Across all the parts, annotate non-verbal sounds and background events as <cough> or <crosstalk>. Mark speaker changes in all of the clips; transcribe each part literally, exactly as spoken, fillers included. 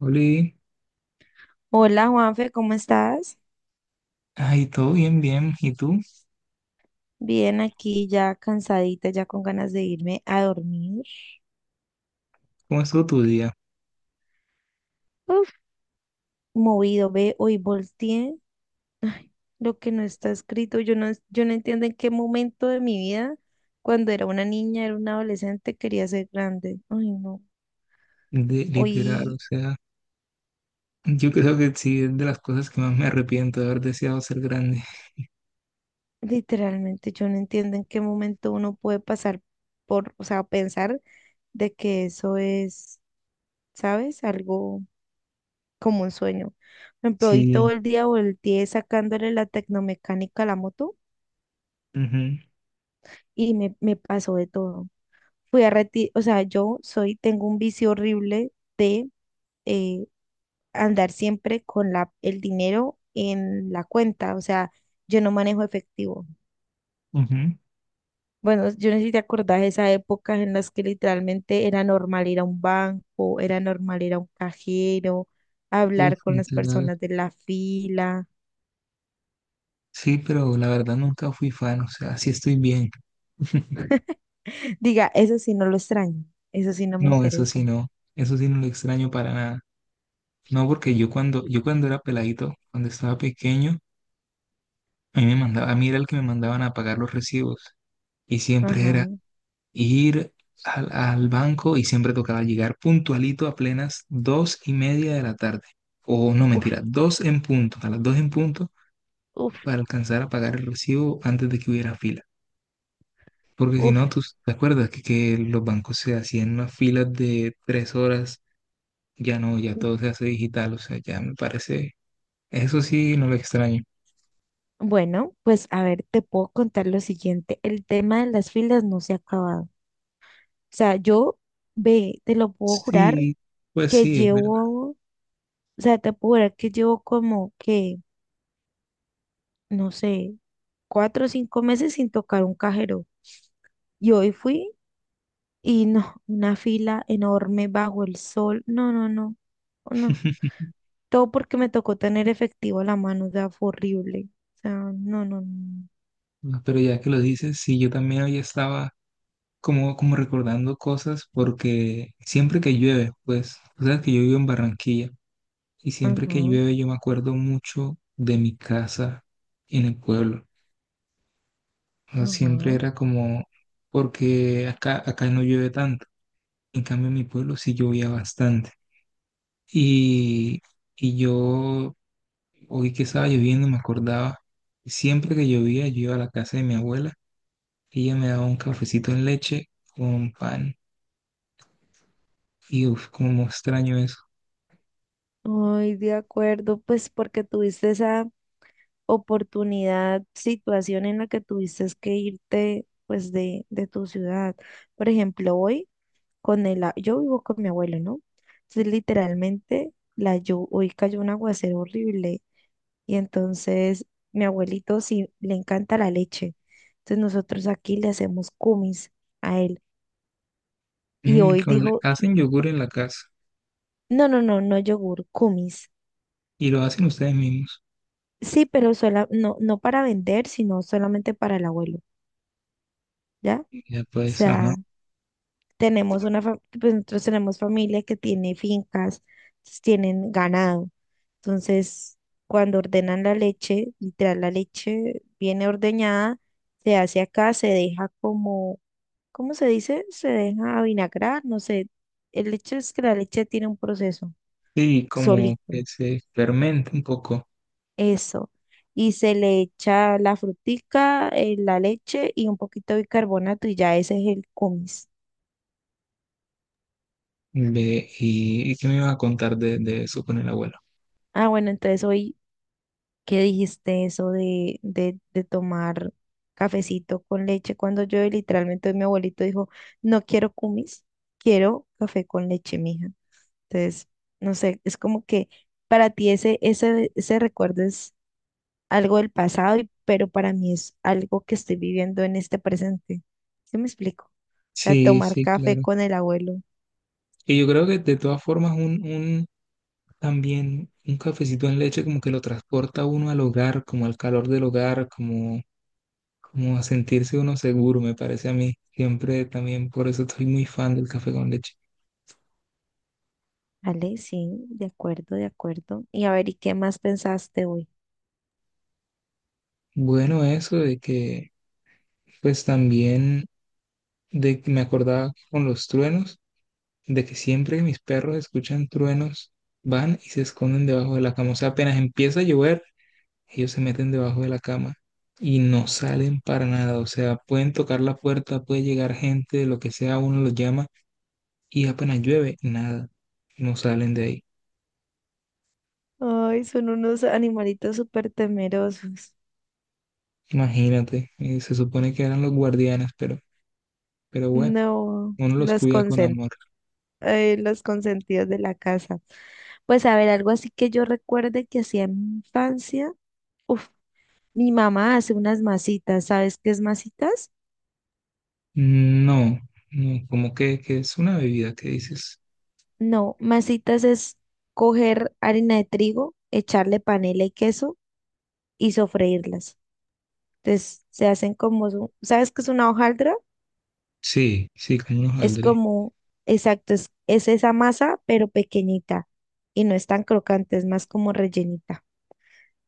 Speaker 1: Oli,
Speaker 2: Hola Juanfe, ¿cómo estás?
Speaker 1: ay, todo bien, bien. ¿Y tú?
Speaker 2: Bien, aquí ya cansadita, ya con ganas de irme a dormir.
Speaker 1: ¿Cómo estuvo tu día?
Speaker 2: Uf, movido, ve, hoy volteé. Ay, lo que no está escrito, yo no, yo no entiendo en qué momento de mi vida, cuando era una niña, era una adolescente, quería ser grande. Ay, no.
Speaker 1: De, literal, o
Speaker 2: Hoy,
Speaker 1: sea, yo creo que sí es de las cosas que más me arrepiento de haber deseado ser grande.
Speaker 2: literalmente, yo no entiendo en qué momento uno puede pasar por, o sea, pensar de que eso es, ¿sabes? Algo, como un sueño. Por ejemplo, hoy todo
Speaker 1: Sí,
Speaker 2: el día volteé sacándole la tecnomecánica a la moto
Speaker 1: mhm,
Speaker 2: y me, me pasó de todo. Fui a retirar, o sea, yo soy, tengo un vicio horrible de eh, andar siempre con la, el dinero en la cuenta, o sea, yo no manejo efectivo.
Speaker 1: mhm.
Speaker 2: Bueno, yo no sé si te acordás de esas épocas en las que literalmente era normal ir a un banco, era normal ir a un cajero,
Speaker 1: Uf,
Speaker 2: hablar con las
Speaker 1: literal.
Speaker 2: personas de la fila.
Speaker 1: Sí, pero la verdad nunca fui fan, o sea, sí estoy bien. <laughs>
Speaker 2: Diga, eso sí no lo extraño, eso sí no me
Speaker 1: No, eso sí
Speaker 2: interesa.
Speaker 1: no, eso sí no lo extraño para nada. No, porque yo cuando, yo cuando era peladito, cuando estaba pequeño, a mí me mandaba, a mí era el que me mandaban a pagar los recibos. Y siempre
Speaker 2: Ajá.
Speaker 1: era, ir al, al banco y siempre tocaba llegar puntualito a plenas dos y media de la tarde. O no,
Speaker 2: Uf,
Speaker 1: mentira, dos en punto, a las dos en punto
Speaker 2: uf,
Speaker 1: para alcanzar a pagar el recibo antes de que hubiera fila. Porque si no,
Speaker 2: uf.
Speaker 1: tú te acuerdas que, que los bancos se hacían unas filas de tres horas. Ya no, ya todo se hace digital, o sea, ya me parece, eso sí, no lo extraño.
Speaker 2: Bueno, pues a ver, te puedo contar lo siguiente. El tema de las filas no se ha acabado. O sea, yo, ve, te lo puedo jurar
Speaker 1: Sí, pues
Speaker 2: que
Speaker 1: sí, es verdad.
Speaker 2: llevo, o sea, te puedo jurar que llevo como que, no sé, cuatro o cinco meses sin tocar un cajero. Y hoy fui y no, una fila enorme bajo el sol. No, no, no, no.
Speaker 1: <laughs>
Speaker 2: Todo porque me tocó tener efectivo a la mano, o sea, fue horrible. O sea, no, no, no.
Speaker 1: Pero ya que lo dices, sí, yo también hoy estaba como, como recordando cosas porque siempre que llueve, pues, o sea, que yo vivo en Barranquilla y siempre que
Speaker 2: Ajá,
Speaker 1: llueve yo me acuerdo mucho de mi casa en el pueblo. O sea, siempre
Speaker 2: ajá.
Speaker 1: era como, porque acá, acá no llueve tanto, en cambio en mi pueblo sí llovía bastante. Y, y yo, hoy que estaba lloviendo, me acordaba, siempre que llovía yo iba a la casa de mi abuela, ella me daba un cafecito en leche con pan y uf, como extraño eso.
Speaker 2: Ay, de acuerdo, pues porque tuviste esa oportunidad, situación en la que tuviste que irte, pues, de, de tu ciudad. Por ejemplo, hoy con el, a- yo vivo con mi abuelo, ¿no? Entonces, literalmente, la llu- hoy cayó un aguacero horrible y entonces mi abuelito sí le encanta la leche. Entonces nosotros aquí le hacemos cumis a él. Y
Speaker 1: Mm,
Speaker 2: hoy
Speaker 1: con-
Speaker 2: dijo,
Speaker 1: hacen yogur en la casa
Speaker 2: no, no, no, no yogur, kumis.
Speaker 1: y lo hacen ustedes mismos.
Speaker 2: Sí, pero sola, no, no para vender, sino solamente para el abuelo, ¿ya? O
Speaker 1: Ya pues, ajá.
Speaker 2: sea, tenemos una, fa- pues nosotros tenemos familia que tiene fincas, entonces tienen ganado. Entonces, cuando ordenan la leche, literal, la leche viene ordeñada, se hace acá, se deja como, ¿cómo se dice? Se deja vinagrar, no sé. El hecho es que la leche tiene un proceso
Speaker 1: Sí, como
Speaker 2: solito.
Speaker 1: que se fermenta un poco.
Speaker 2: Eso. Y se le echa la frutica, eh, la leche y un poquito de bicarbonato y ya ese es el kumis.
Speaker 1: Ve, y, ¿y qué me ibas a contar de, de eso con el abuelo?
Speaker 2: Ah, bueno, entonces hoy, ¿qué dijiste eso de, de, de tomar cafecito con leche? Cuando yo literalmente mi abuelito dijo, no quiero kumis, quiero café con leche, mija. Entonces, no sé, es como que para ti ese, ese, ese recuerdo algo del pasado, y- pero para mí es algo que estoy viviendo en este presente. ¿Sí me explico? O sea,
Speaker 1: Sí,
Speaker 2: tomar
Speaker 1: sí,
Speaker 2: café
Speaker 1: claro.
Speaker 2: con el abuelo.
Speaker 1: Y yo creo que de todas formas un, un también un cafecito en leche como que lo transporta uno al hogar, como al calor del hogar, como, como a sentirse uno seguro, me parece a mí. Siempre también por eso estoy muy fan del café con leche.
Speaker 2: Vale, sí, de acuerdo, de acuerdo. Y a ver, ¿y qué más pensaste hoy?
Speaker 1: Bueno, eso de que pues también de que me acordaba con los truenos, de que siempre que mis perros escuchan truenos, van y se esconden debajo de la cama. O sea, apenas empieza a llover, ellos se meten debajo de la cama y no salen para nada. O sea, pueden tocar la puerta, puede llegar gente, lo que sea, uno los llama y apenas llueve, nada, no salen de ahí.
Speaker 2: Ay, son unos animalitos súper temerosos.
Speaker 1: Imagínate, eh, se supone que eran los guardianes, pero, pero bueno,
Speaker 2: No,
Speaker 1: uno los
Speaker 2: los
Speaker 1: cuida con
Speaker 2: consen-
Speaker 1: amor.
Speaker 2: eh, los consentidos de la casa. Pues a ver, algo así que yo recuerde que hacía en mi infancia. Uf, mi mamá hace unas masitas. ¿Sabes qué es masitas?
Speaker 1: No, no, como que, que es una bebida que dices.
Speaker 2: No, masitas es coger harina de trigo, echarle panela y queso y sofreírlas. Entonces se hacen como, su- ¿sabes qué es una hojaldra?
Speaker 1: Sí, sí, como unos
Speaker 2: Es
Speaker 1: aldres.
Speaker 2: como, exacto, es, es esa masa, pero pequeñita y no es tan crocante, es más como rellenita.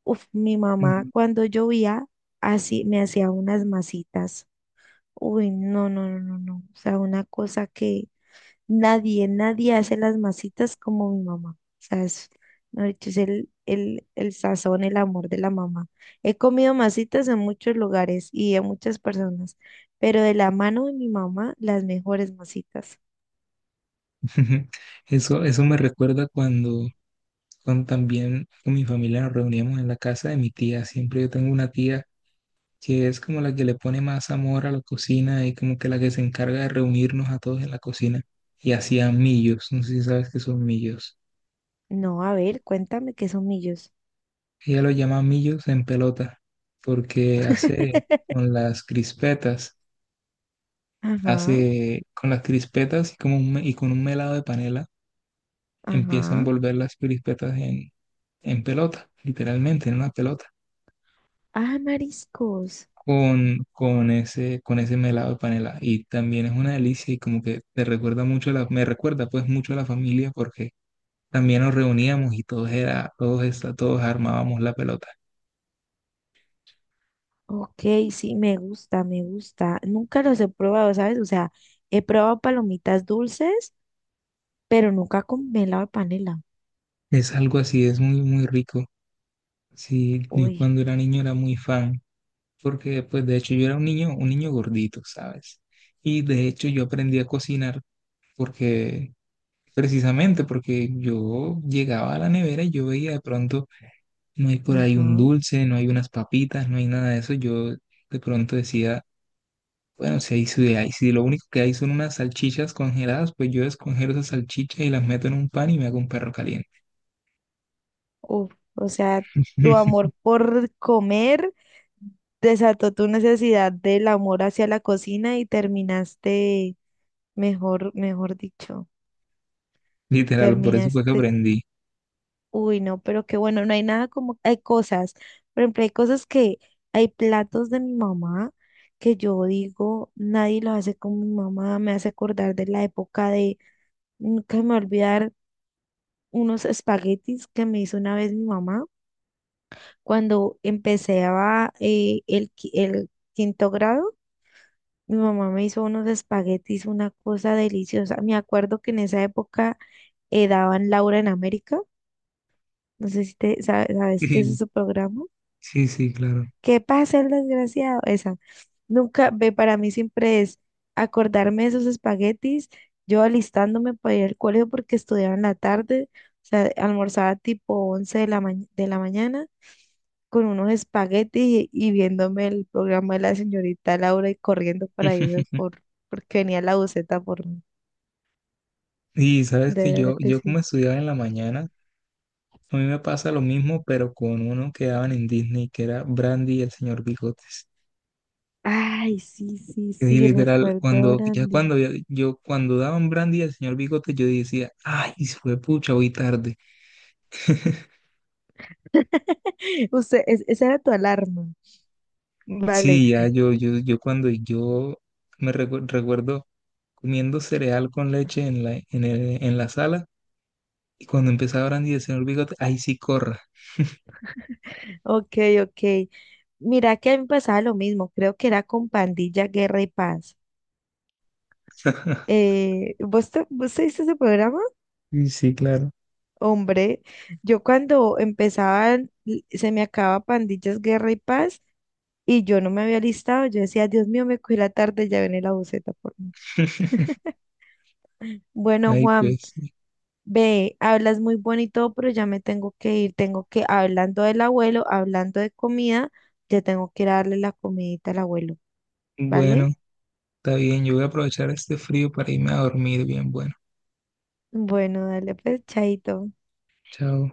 Speaker 2: Uf, mi mamá
Speaker 1: Ujú.
Speaker 2: cuando llovía, así me hacía unas masitas. Uy, no, no, no, no, no. O sea, una cosa que nadie, nadie hace las masitas como mi mamá. O sea, es, mejor dicho, es el, el, el sazón, el amor de la mamá. He comido masitas en muchos lugares y de muchas personas, pero de la mano de mi mamá, las mejores masitas.
Speaker 1: <laughs> Eso, eso me recuerda cuando, cuando también con mi familia nos reuníamos en la casa de mi tía. Siempre yo tengo una tía que es como la que le pone más amor a la cocina y como que la que se encarga de reunirnos a todos en la cocina. Y hacía millos, no sé si sabes qué son millos.
Speaker 2: No, a ver, cuéntame qué son millos.
Speaker 1: Ella lo llama millos en pelota porque hace
Speaker 2: <laughs>
Speaker 1: con las crispetas,
Speaker 2: Ajá,
Speaker 1: hace con las crispetas y, como un me- y con un melado de panela empieza a
Speaker 2: ajá.
Speaker 1: envolver las crispetas en, en pelota, literalmente, en una pelota,
Speaker 2: Ah, mariscos.
Speaker 1: con, con ese, con ese melado de panela. Y también es una delicia y como que te recuerda mucho a la, me recuerda pues mucho a la familia porque también nos reuníamos y todos era, todos esta- todos armábamos la pelota.
Speaker 2: Ok, sí, me gusta, me gusta. Nunca los he probado, ¿sabes? O sea, he probado palomitas dulces, pero nunca con melado de panela.
Speaker 1: Es algo así, es muy, muy rico. Sí, yo
Speaker 2: Uy.
Speaker 1: cuando era niño era muy fan, porque pues de hecho yo era un niño, un niño gordito, ¿sabes? Y de hecho yo aprendí a cocinar porque precisamente porque yo llegaba a la nevera y yo veía de pronto, no hay por ahí un
Speaker 2: Ajá.
Speaker 1: dulce, no hay unas papitas, no hay nada de eso. Yo de pronto decía, bueno, si, hay, si, hay- si lo único que hay son unas salchichas congeladas, pues yo descongelo esas salchichas y las meto en un pan y me hago un perro caliente.
Speaker 2: Uf, o sea, tu
Speaker 1: <laughs>
Speaker 2: amor por comer desató tu necesidad del amor hacia la cocina y terminaste, mejor, mejor dicho,
Speaker 1: Literal, por eso fue que
Speaker 2: terminaste,
Speaker 1: aprendí.
Speaker 2: uy, no, pero qué bueno, no hay nada como, hay cosas, por ejemplo, hay cosas que, hay platos de mi mamá que yo digo, nadie los hace como mi mamá, me hace acordar de la época de, nunca me voy a olvidar unos espaguetis que me hizo una vez mi mamá cuando empecé a eh, el, qui- el quinto grado, mi mamá me hizo unos espaguetis, una cosa deliciosa. Me acuerdo que en esa época eh, daban Laura en América. No sé si te sa- sabes qué es
Speaker 1: <laughs>
Speaker 2: ese programa.
Speaker 1: Sí, sí, claro.
Speaker 2: ¿Qué pasa, el desgraciado? Esa. Nunca, ve, para mí siempre es acordarme de esos espaguetis, yo alistándome para ir al colegio porque estudiaba en la tarde, o sea, almorzaba tipo once de la, ma- de la mañana con unos espaguetis y, y viéndome el programa de la señorita Laura y corriendo para irme
Speaker 1: <laughs>
Speaker 2: por, porque venía la buceta por mí.
Speaker 1: Y sabes
Speaker 2: De
Speaker 1: que yo,
Speaker 2: verdad que
Speaker 1: yo como
Speaker 2: sí.
Speaker 1: estudiaba en la mañana, a mí me pasa lo mismo, pero con uno que daban en Disney, que era Brandy y el Señor Bigotes.
Speaker 2: Ay, sí, sí,
Speaker 1: Que sí,
Speaker 2: sí,
Speaker 1: literal,
Speaker 2: recuerdo a
Speaker 1: cuando, ya
Speaker 2: Brandy.
Speaker 1: cuando ya- yo, cuando daban Brandy al Señor Bigote, yo decía, ay, sí fue pucha, hoy tarde. <laughs>
Speaker 2: <laughs> Usted, es- esa era tu alarma. Vale,
Speaker 1: Sí, ya yo, yo, yo cuando yo me recu- recuerdo comiendo cereal con leche en la, en el- en la sala, y cuando empezaba Brandy del Señor Bigote, ay, sí, corra.
Speaker 2: ok, ok. Mira que a mí me pasaba lo mismo, creo que era con Pandilla, Guerra y Paz.
Speaker 1: <laughs>
Speaker 2: Eh, ¿vos te, vos te viste ese programa?
Speaker 1: Sí, sí, claro.
Speaker 2: Hombre, yo cuando empezaban, l- se me acababa Pandillas, Guerra y Paz, y yo no me había listado, yo decía, Dios mío, me cogí la tarde, ya viene la buceta por mí.
Speaker 1: <laughs>
Speaker 2: <laughs> Bueno,
Speaker 1: Ay,
Speaker 2: Juan,
Speaker 1: pues, sí.
Speaker 2: ve, hablas muy bonito, pero ya me tengo que ir, tengo que, hablando del abuelo, hablando de comida, ya tengo que ir a darle la comidita al abuelo,
Speaker 1: Bueno,
Speaker 2: ¿vale?
Speaker 1: está bien, yo voy a aprovechar este frío para irme a dormir bien, bueno,
Speaker 2: Bueno, dale pues, chaito.
Speaker 1: chao.